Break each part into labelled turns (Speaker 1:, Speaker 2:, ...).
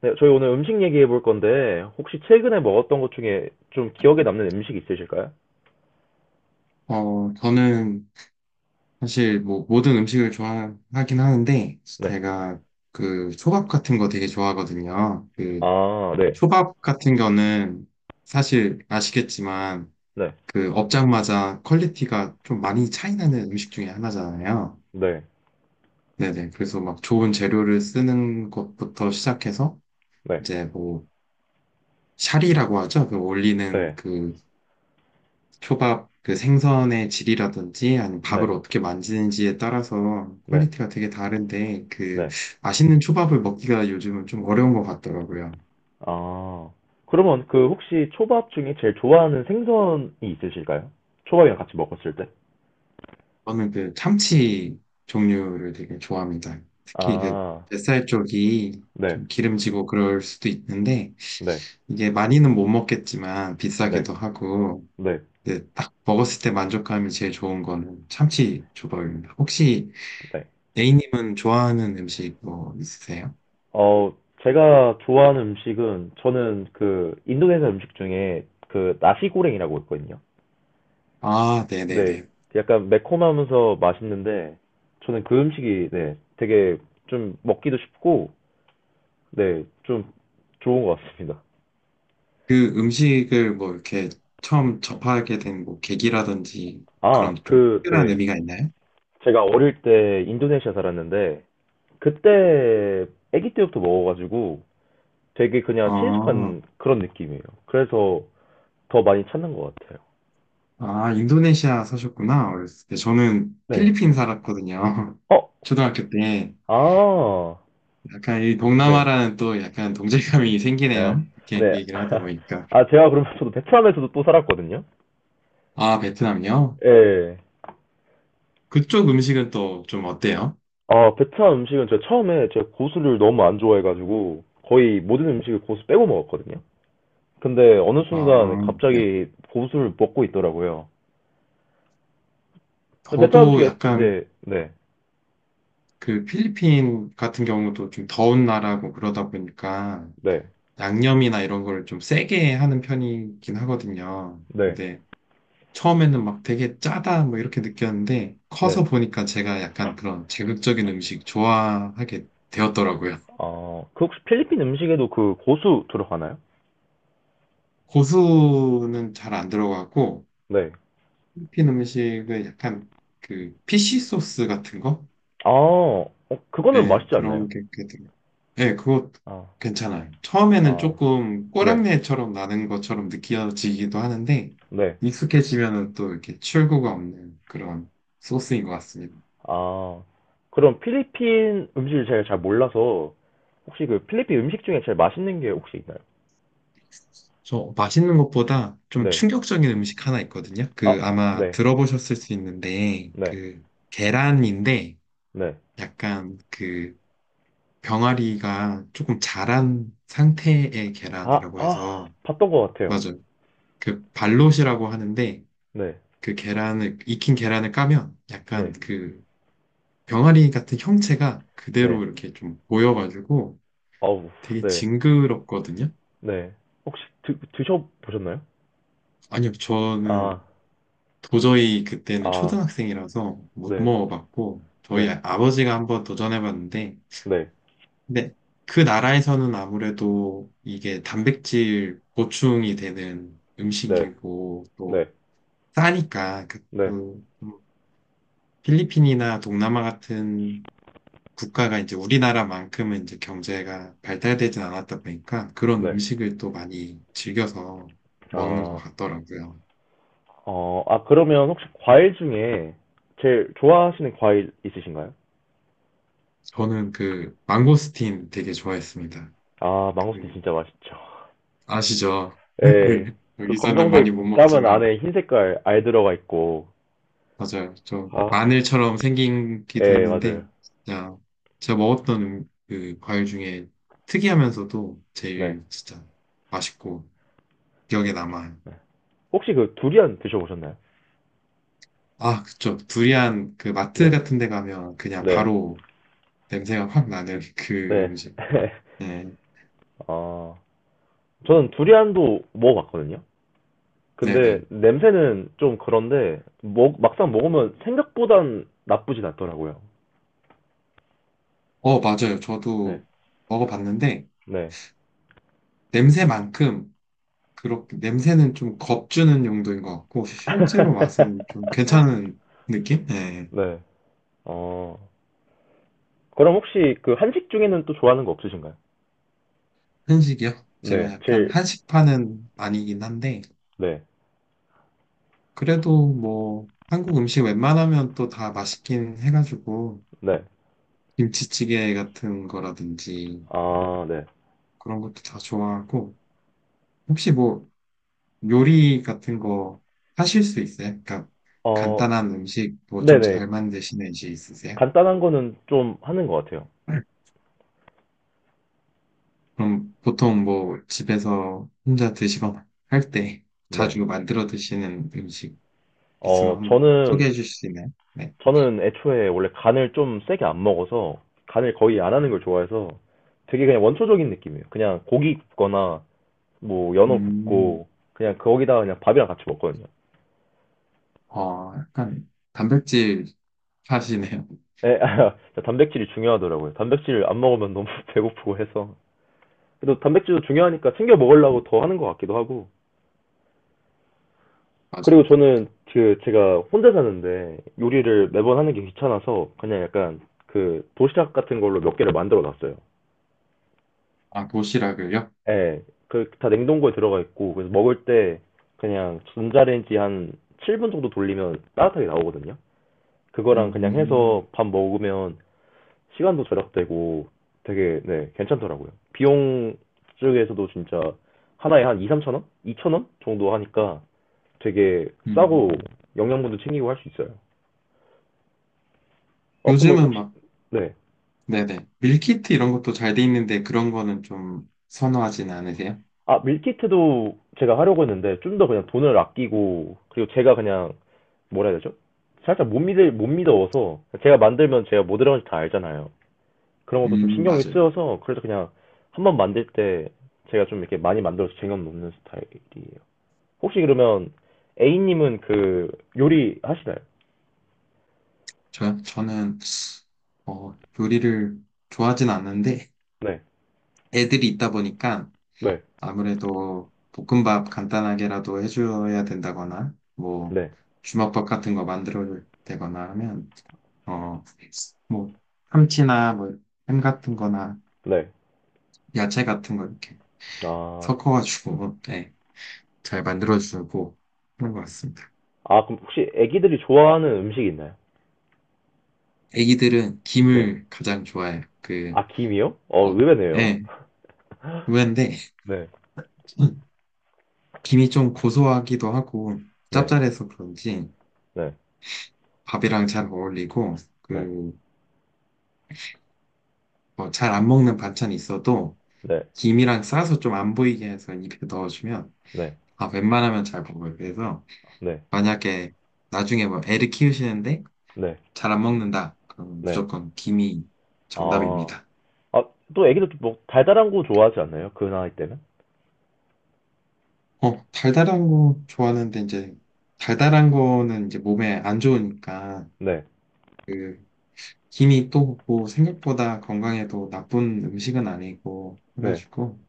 Speaker 1: 네, 저희 오늘 음식 얘기해 볼 건데, 혹시 최근에 먹었던 것 중에 좀 기억에 남는 음식 있으실까요?
Speaker 2: 저는 사실 뭐 모든 음식을 좋아하긴 하는데,
Speaker 1: 네.
Speaker 2: 제가 초밥 같은 거 되게 좋아하거든요. 그
Speaker 1: 아, 네.
Speaker 2: 초밥 같은 거는 사실 아시겠지만,
Speaker 1: 네.
Speaker 2: 그 업장마다 퀄리티가 좀 많이 차이 나는 음식 중에 하나잖아요.
Speaker 1: 네.
Speaker 2: 네네. 그래서 막 좋은 재료를 쓰는 것부터 시작해서,
Speaker 1: 네.
Speaker 2: 이제 뭐, 샤리라고 하죠. 그 올리는
Speaker 1: 네.
Speaker 2: 그 초밥 그 생선의 질이라든지 아니면
Speaker 1: 네.
Speaker 2: 밥을 어떻게 만지는지에 따라서
Speaker 1: 네.
Speaker 2: 퀄리티가 되게 다른데 그
Speaker 1: 네.
Speaker 2: 맛있는 초밥을 먹기가 요즘은 좀 어려운 것 같더라고요.
Speaker 1: 아. 그러면 그 혹시 초밥 중에 제일 좋아하는 생선이 있으실까요? 초밥이랑 같이 먹었을 때?
Speaker 2: 저는 그 참치 종류를 되게 좋아합니다. 특히 그
Speaker 1: 아,
Speaker 2: 뱃살 쪽이
Speaker 1: 네.
Speaker 2: 좀 기름지고 그럴 수도 있는데
Speaker 1: 네.
Speaker 2: 이게 많이는 못 먹겠지만
Speaker 1: 네.
Speaker 2: 비싸기도 하고
Speaker 1: 네.
Speaker 2: 이제 딱 먹었을 때 만족감이 제일 좋은 거는 참치 초밥입니다. 혹시
Speaker 1: 네.
Speaker 2: A님은 좋아하는 음식 뭐 있으세요?
Speaker 1: 어, 제가 좋아하는 음식은 저는 그 인도네시아 음식 중에 그 나시고랭이라고 있거든요.
Speaker 2: 아,
Speaker 1: 네.
Speaker 2: 네네네.
Speaker 1: 약간 매콤하면서 맛있는데, 저는 그 음식이, 네, 되게 좀 먹기도 쉽고, 네, 좀 좋은 것 같습니다.
Speaker 2: 그 음식을 뭐 이렇게 처음 접하게 된 뭐 계기라든지
Speaker 1: 아,
Speaker 2: 그런 좀
Speaker 1: 그,
Speaker 2: 특별한
Speaker 1: 네.
Speaker 2: 의미가 있나요?
Speaker 1: 제가 어릴 때 인도네시아 살았는데, 그때 아기 때부터 먹어가지고 되게 그냥
Speaker 2: 아,
Speaker 1: 친숙한 그런 느낌이에요. 그래서 더 많이 찾는 것 같아요.
Speaker 2: 아, 인도네시아 사셨구나. 어렸을 때. 저는
Speaker 1: 네.
Speaker 2: 필리핀 살았거든요.
Speaker 1: 어,
Speaker 2: 초등학교 때.
Speaker 1: 아,
Speaker 2: 약간 이
Speaker 1: 네.
Speaker 2: 동남아라는 또 약간 동질감이
Speaker 1: 네.
Speaker 2: 생기네요. 이렇게
Speaker 1: 네.
Speaker 2: 얘기를 하다 보니까.
Speaker 1: 아, 제가 그러면 저도 베트남에서도 또 살았거든요.
Speaker 2: 아, 베트남이요?
Speaker 1: 예.
Speaker 2: 그쪽 음식은 또 좀 어때요?
Speaker 1: 아, 베트남 음식은 제가 처음에 제가 고수를 너무 안 좋아해가지고 거의 모든 음식을 고수 빼고 먹었거든요. 근데 어느 순간
Speaker 2: 아, 네.
Speaker 1: 갑자기 고수를 먹고 있더라고요. 근데 베트남
Speaker 2: 저도
Speaker 1: 음식에,
Speaker 2: 약간
Speaker 1: 네, 네,
Speaker 2: 그 필리핀 같은 경우도 좀 더운 나라고 그러다 보니까
Speaker 1: 네,
Speaker 2: 양념이나 이런 거를 좀 세게 하는 편이긴 하거든요.
Speaker 1: 네,
Speaker 2: 근데 처음에는 막 되게 짜다 뭐 이렇게 느꼈는데
Speaker 1: 네.
Speaker 2: 커서 보니까 제가 약간 그런 자극적인 음식 좋아하게 되었더라고요.
Speaker 1: 아, 그 혹시 필리핀 음식에도 그 고수 들어가나요?
Speaker 2: 고수는 잘 안 들어가고
Speaker 1: 네.
Speaker 2: 필리핀 음식은 약간 그 피쉬 소스 같은 거?
Speaker 1: 아, 어, 그거는
Speaker 2: 네,
Speaker 1: 맛있지 않나요?
Speaker 2: 그런 게 들어가요. 예, 그거
Speaker 1: 아,
Speaker 2: 괜찮아요. 처음에는
Speaker 1: 아,
Speaker 2: 조금
Speaker 1: 네,
Speaker 2: 꼬랑내처럼 나는 것처럼 느껴지기도 하는데,
Speaker 1: 네.
Speaker 2: 익숙해지면은 또 이렇게 출구가 없는 그런 소스인 것 같습니다.
Speaker 1: 아, 그럼 필리핀 음식을 제가 잘 몰라서 혹시 그 필리핀 음식 중에 제일 맛있는 게 혹시 있나요?
Speaker 2: 저 맛있는 것보다 좀
Speaker 1: 네.
Speaker 2: 충격적인 음식 하나 있거든요.
Speaker 1: 아,
Speaker 2: 그 아마
Speaker 1: 네,
Speaker 2: 들어보셨을 수 있는데,
Speaker 1: 네,
Speaker 2: 그 계란인데,
Speaker 1: 네.
Speaker 2: 약간 병아리가 조금 자란 상태의
Speaker 1: 아,
Speaker 2: 계란이라고
Speaker 1: 아,
Speaker 2: 해서,
Speaker 1: 봤던 것 같아요.
Speaker 2: 맞아요. 그 발롯이라고 하는데,
Speaker 1: 네,
Speaker 2: 익힌 계란을 까면 약간
Speaker 1: 네,
Speaker 2: 그 병아리 같은 형체가
Speaker 1: 네.
Speaker 2: 그대로 이렇게 좀 보여가지고
Speaker 1: 아우,
Speaker 2: 되게
Speaker 1: 네,
Speaker 2: 징그럽거든요.
Speaker 1: 네. 혹시 드셔보셨나요?
Speaker 2: 아니요,
Speaker 1: 아,
Speaker 2: 저는 도저히 그때는
Speaker 1: 아,
Speaker 2: 초등학생이라서 못
Speaker 1: 네,
Speaker 2: 먹어봤고, 저희
Speaker 1: 네,
Speaker 2: 아버지가 한번 도전해봤는데,
Speaker 1: 네,
Speaker 2: 근데 그 나라에서는 아무래도 이게 단백질 보충이 되는
Speaker 1: 네,
Speaker 2: 음식이고,
Speaker 1: 네,
Speaker 2: 또 싸니까, 그,
Speaker 1: 네,
Speaker 2: 그 필리핀이나 동남아 같은 국가가 이제 우리나라만큼은 이제 경제가 발달되진 않았다 보니까 그런
Speaker 1: 네.
Speaker 2: 음식을 또 많이 즐겨서 먹는 것
Speaker 1: 아,
Speaker 2: 같더라고요.
Speaker 1: 어, 아, 그러면 혹시 과일 중에 제일 좋아하시는 과일 있으신가요?
Speaker 2: 저는 그 망고스틴 되게 좋아했습니다.
Speaker 1: 아, 망고스틴
Speaker 2: 그
Speaker 1: 진짜 맛있죠.
Speaker 2: 아시죠?
Speaker 1: 예,
Speaker 2: 그
Speaker 1: 그
Speaker 2: 여기서는 많이
Speaker 1: 검정색
Speaker 2: 못
Speaker 1: 까면
Speaker 2: 먹지만
Speaker 1: 안에 흰 색깔 알 들어가 있고.
Speaker 2: 맞아요. 좀
Speaker 1: 아,
Speaker 2: 마늘처럼 생기기도
Speaker 1: 예, 맞아요.
Speaker 2: 했는데 진짜 제가 먹었던 그 과일 중에 특이하면서도
Speaker 1: 네,
Speaker 2: 제일 진짜 맛있고 기억에 남아요.
Speaker 1: 네. 혹시 그 두리안 드셔보셨나요?
Speaker 2: 아, 그쵸. 두리안 그 마트
Speaker 1: 네,
Speaker 2: 같은 데 가면 그냥
Speaker 1: 네,
Speaker 2: 바로 냄새가 확 나는 그
Speaker 1: 네.
Speaker 2: 음식. 네,
Speaker 1: 아, 저는 두리안도 먹어봤거든요. 근데
Speaker 2: 네네.
Speaker 1: 냄새는 좀 그런데 먹, 막상 먹으면 생각보단 나쁘진 않더라고요.
Speaker 2: 어, 맞아요.
Speaker 1: 네.
Speaker 2: 저도 먹어봤는데
Speaker 1: 네.
Speaker 2: 냄새만큼 그렇게 냄새는 좀 겁주는 용도인 것 같고 실제로 맛은 좀 괜찮은 느낌? 네.
Speaker 1: 네. 어. 그럼 혹시 그 한식 중에는 또 좋아하는 거 없으신가요?
Speaker 2: 한식이요? 제가
Speaker 1: 네.
Speaker 2: 약간
Speaker 1: 제일
Speaker 2: 한식파는 아니긴 한데
Speaker 1: 네.
Speaker 2: 그래도 뭐 한국 음식 웬만하면 또 다 맛있긴 해가지고
Speaker 1: 네.
Speaker 2: 김치찌개 같은 거라든지 뭐
Speaker 1: 아, 네.
Speaker 2: 그런 것도 다 좋아하고, 혹시 뭐 요리 같은 거 하실 수 있어요? 그러니까
Speaker 1: 어,
Speaker 2: 간단한 음식 뭐 좀
Speaker 1: 네네.
Speaker 2: 잘 만드시는 지 있으세요?
Speaker 1: 간단한 거는 좀 하는 것 같아요.
Speaker 2: 그럼 보통 뭐 집에서 혼자 드시거나 할 때
Speaker 1: 네.
Speaker 2: 자주 만들어 드시는 음식 있으면
Speaker 1: 어,
Speaker 2: 한번
Speaker 1: 저는
Speaker 2: 소개해 주실 수 있나요? 네.
Speaker 1: 저는 애초에 원래 간을 좀 세게 안 먹어서 간을 거의 안 하는 걸 좋아해서 되게 그냥 원초적인 느낌이에요. 그냥 고기 굽거나 뭐 연어
Speaker 2: 음,
Speaker 1: 굽고 그냥 거기다가 그냥 밥이랑 같이 먹거든요.
Speaker 2: 어, 약간 단백질 하시네요.
Speaker 1: 에 단백질이 중요하더라고요. 단백질 안 먹으면 너무 배고프고 해서. 그래도 단백질도 중요하니까 챙겨 먹으려고 더 하는 것 같기도 하고. 그리고
Speaker 2: 맞아요.
Speaker 1: 저는 그 제가 혼자 사는데 요리를 매번 하는 게 귀찮아서 그냥 약간 그 도시락 같은 걸로 몇 개를 만들어 놨어요.
Speaker 2: 아, 도시락을요?
Speaker 1: 예, 그 다 냉동고에 들어가 있고 그래서 먹을 때 그냥 전자레인지 한 7분 정도 돌리면 따뜻하게 나오거든요. 그거랑 그냥
Speaker 2: 음,
Speaker 1: 해서 밥 먹으면 시간도 절약되고 되게 네, 괜찮더라고요. 비용 쪽에서도 진짜 하나에 한 2, 3천 원? 2천 원 정도 하니까 되게 싸고
Speaker 2: 음.
Speaker 1: 영양분도 챙기고 할 수 있어요. 어, 그럼
Speaker 2: 요즘은
Speaker 1: 혹시
Speaker 2: 막
Speaker 1: 네.
Speaker 2: 네네. 밀키트 이런 것도 잘 돼 있는데 그런 거는 좀 선호하진 않으세요?
Speaker 1: 아, 밀키트도 제가 하려고 했는데 좀 더 그냥 돈을 아끼고 그리고 제가 그냥 뭐라 해야 되죠? 살짝 못 믿어서 제가 만들면 제가 뭐 들어가는지 다 알잖아요. 그런 것도 좀 신경이
Speaker 2: 맞아요.
Speaker 1: 쓰여서 그래서 그냥 한번 만들 때 제가 좀 이렇게 많이 만들어서 쟁여 놓는 스타일이에요. 혹시 그러면 A님은 그 요리 하시나요?
Speaker 2: 저, 저는, 어, 요리를 좋아하진 않는데
Speaker 1: 네,
Speaker 2: 애들이 있다 보니까
Speaker 1: 네,
Speaker 2: 아무래도 볶음밥 간단하게라도 해줘야 된다거나 뭐
Speaker 1: 네,
Speaker 2: 주먹밥 같은 거 만들어야 되거나 하면, 어, 뭐 참치나 뭐 햄 같은 거나
Speaker 1: 네.
Speaker 2: 야채 같은 거 이렇게
Speaker 1: 아,
Speaker 2: 섞어가지고, 네, 잘 만들어주고 그런 것 같습니다.
Speaker 1: 아 그럼 혹시 애기들이 좋아하는 음식 있나요?
Speaker 2: 애기들은
Speaker 1: 네.
Speaker 2: 김을 가장 좋아해요.
Speaker 1: 아, 김이요? 어,
Speaker 2: 어,
Speaker 1: 의외네요.
Speaker 2: 예, 의외인데,
Speaker 1: 네,
Speaker 2: 김이 좀 고소하기도 하고,
Speaker 1: 네,
Speaker 2: 짭짤해서 그런지,
Speaker 1: 네.
Speaker 2: 밥이랑 잘 어울리고,
Speaker 1: 네.
Speaker 2: 그, 잘안 먹는 반찬이 있어도,
Speaker 1: 네.
Speaker 2: 김이랑 싸서 좀 안 보이게 해서 입에 넣어주면,
Speaker 1: 네.
Speaker 2: 아, 웬만하면 잘 먹어요. 그래서,
Speaker 1: 네.
Speaker 2: 만약에 나중에 뭐 애를 키우시는데,
Speaker 1: 네.
Speaker 2: 잘 안 먹는다. 그럼
Speaker 1: 네.
Speaker 2: 무조건 김이
Speaker 1: 아.
Speaker 2: 정답입니다.
Speaker 1: 아, 또 애기들 뭐 달달한 거 좋아하지 않나요? 그 나이 때는?
Speaker 2: 어, 달달한 거 좋아하는데 이제 달달한 거는 이제 몸에 안 좋으니까
Speaker 1: 네.
Speaker 2: 그 김이 또 뭐 생각보다 건강에도 나쁜 음식은 아니고
Speaker 1: 네.
Speaker 2: 해가지고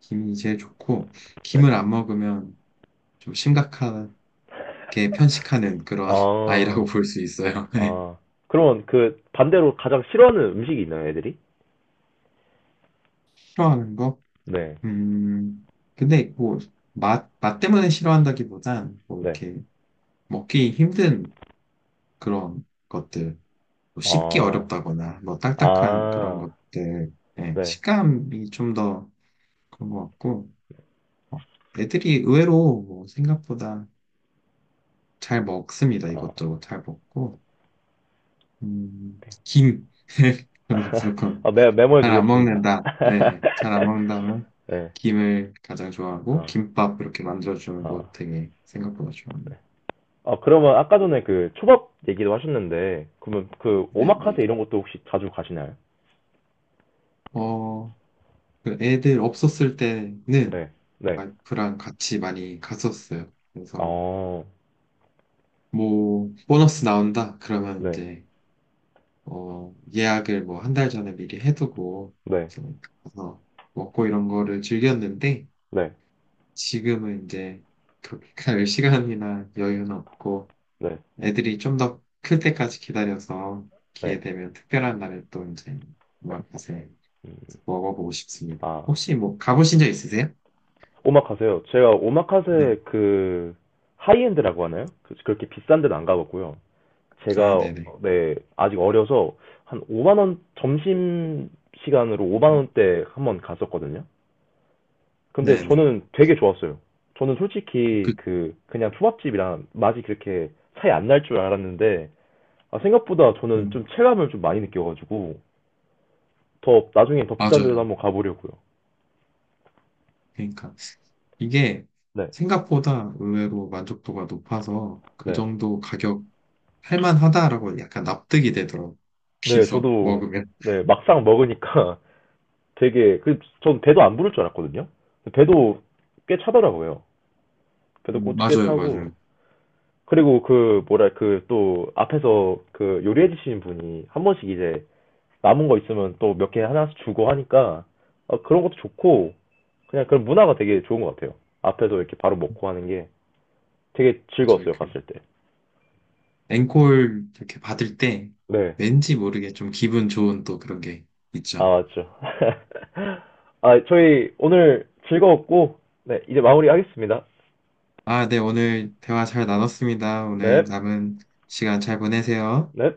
Speaker 2: 김이 제일 좋고
Speaker 1: 네.
Speaker 2: 김을 안 먹으면 좀 심각하게 편식하는 그런 아이라고
Speaker 1: 아.
Speaker 2: 볼 수 있어요. 네.
Speaker 1: 아. 그러면 그 반대로 가장 싫어하는 음식이 있나요, 애들이?
Speaker 2: 싫어하는 거?
Speaker 1: 네.
Speaker 2: 음, 근데 뭐 맛 때문에 싫어한다기보단 뭐
Speaker 1: 네.
Speaker 2: 이렇게 먹기 힘든 그런 것들. 뭐 씹기
Speaker 1: 아.
Speaker 2: 어렵다거나 뭐 딱딱한 그런
Speaker 1: 아.
Speaker 2: 것들 예,
Speaker 1: 네.
Speaker 2: 식감이 좀 더 그런 것 같고 어, 애들이 의외로 뭐 생각보다 잘 먹습니다
Speaker 1: 아.
Speaker 2: 이것저것 잘 먹고 김 저는 무조건
Speaker 1: 아, 메모해
Speaker 2: 잘 안
Speaker 1: 두겠습니다.
Speaker 2: 먹는다 예, 잘 안 먹는다면
Speaker 1: 네.
Speaker 2: 김을 가장 좋아하고
Speaker 1: 어.
Speaker 2: 김밥 이렇게 만들어주는 거
Speaker 1: 아.
Speaker 2: 되게 생각보다 좋아합니다.
Speaker 1: 아, 그러면 아까 전에 그 초밥 얘기도 하셨는데, 그러면 그
Speaker 2: 네네.
Speaker 1: 오마카세 이런 것도 혹시 자주 가시나요?
Speaker 2: 어그 애들 없었을 때는
Speaker 1: 네, 네,
Speaker 2: 와이프랑 같이 많이 갔었어요. 그래서
Speaker 1: 어,
Speaker 2: 뭐 보너스 나온다 그러면
Speaker 1: 네,
Speaker 2: 이제 예약을 뭐 한 달 전에 미리 해두고
Speaker 1: 네,
Speaker 2: 이제 가서 먹고 이런 거를 즐겼는데
Speaker 1: 네,
Speaker 2: 지금은 이제 그렇게 갈 시간이나 여유는 없고
Speaker 1: 네,
Speaker 2: 애들이 좀 더 클 때까지 기다려서
Speaker 1: 네.
Speaker 2: 기회 되면 특별한 날에 또 이제 먹어보고 싶습니다.
Speaker 1: 아,
Speaker 2: 혹시 뭐 가보신 적 있으세요?
Speaker 1: 오마카세요. 제가
Speaker 2: 네.
Speaker 1: 오마카세 그 하이엔드라고 하나요? 그, 그렇게 비싼 데는 안 가봤고요.
Speaker 2: 아,
Speaker 1: 제가
Speaker 2: 네네.
Speaker 1: 네 아직 어려서 한 5만 원 점심 시간으로 5만 원대 한번 갔었거든요. 근데
Speaker 2: 네네.
Speaker 1: 저는 되게 좋았어요. 저는 솔직히
Speaker 2: 그,
Speaker 1: 그 그냥 초밥집이랑 맛이 그렇게 차이 안날 줄 알았는데 아, 생각보다 저는 좀
Speaker 2: 음,
Speaker 1: 체감을 좀 많이 느껴가지고 더 나중에 더 비싼 데도
Speaker 2: 맞아요.
Speaker 1: 한번 가보려고요.
Speaker 2: 그러니까 이게
Speaker 1: 네.
Speaker 2: 생각보다 의외로 만족도가 높아서 그
Speaker 1: 네.
Speaker 2: 정도 가격 할만하다라고 약간 납득이 되더라고.
Speaker 1: 네,
Speaker 2: 비서
Speaker 1: 저도
Speaker 2: 먹으면.
Speaker 1: 네, 막상 먹으니까 되게 그 전 배도 안 부를 줄 알았거든요. 배도 꽤 차더라고요. 배도 꽤
Speaker 2: 음,
Speaker 1: 꽤
Speaker 2: 맞아요,
Speaker 1: 차고
Speaker 2: 맞아요.
Speaker 1: 그리고 그 뭐랄 그 또 앞에서 그 요리해 주시는 분이 한 번씩 이제 남은 거 있으면 또 몇 개 하나씩 주고 하니까 어, 그런 것도 좋고 그냥 그런 문화가 되게 좋은 것 같아요. 앞에서 이렇게 바로 먹고 하는 게 되게
Speaker 2: 맞아요.
Speaker 1: 즐거웠어요,
Speaker 2: 그
Speaker 1: 갔을 때.
Speaker 2: 앵콜 이렇게 받을 때
Speaker 1: 네.
Speaker 2: 왠지 모르게 좀 기분 좋은 또 그런 게
Speaker 1: 아,
Speaker 2: 있죠.
Speaker 1: 맞죠. 아, 저희 오늘 즐거웠고, 네, 이제 마무리하겠습니다.
Speaker 2: 아, 네, 오늘 대화 잘 나눴습니다. 오늘
Speaker 1: 네,
Speaker 2: 남은 시간 잘 보내세요.
Speaker 1: 네.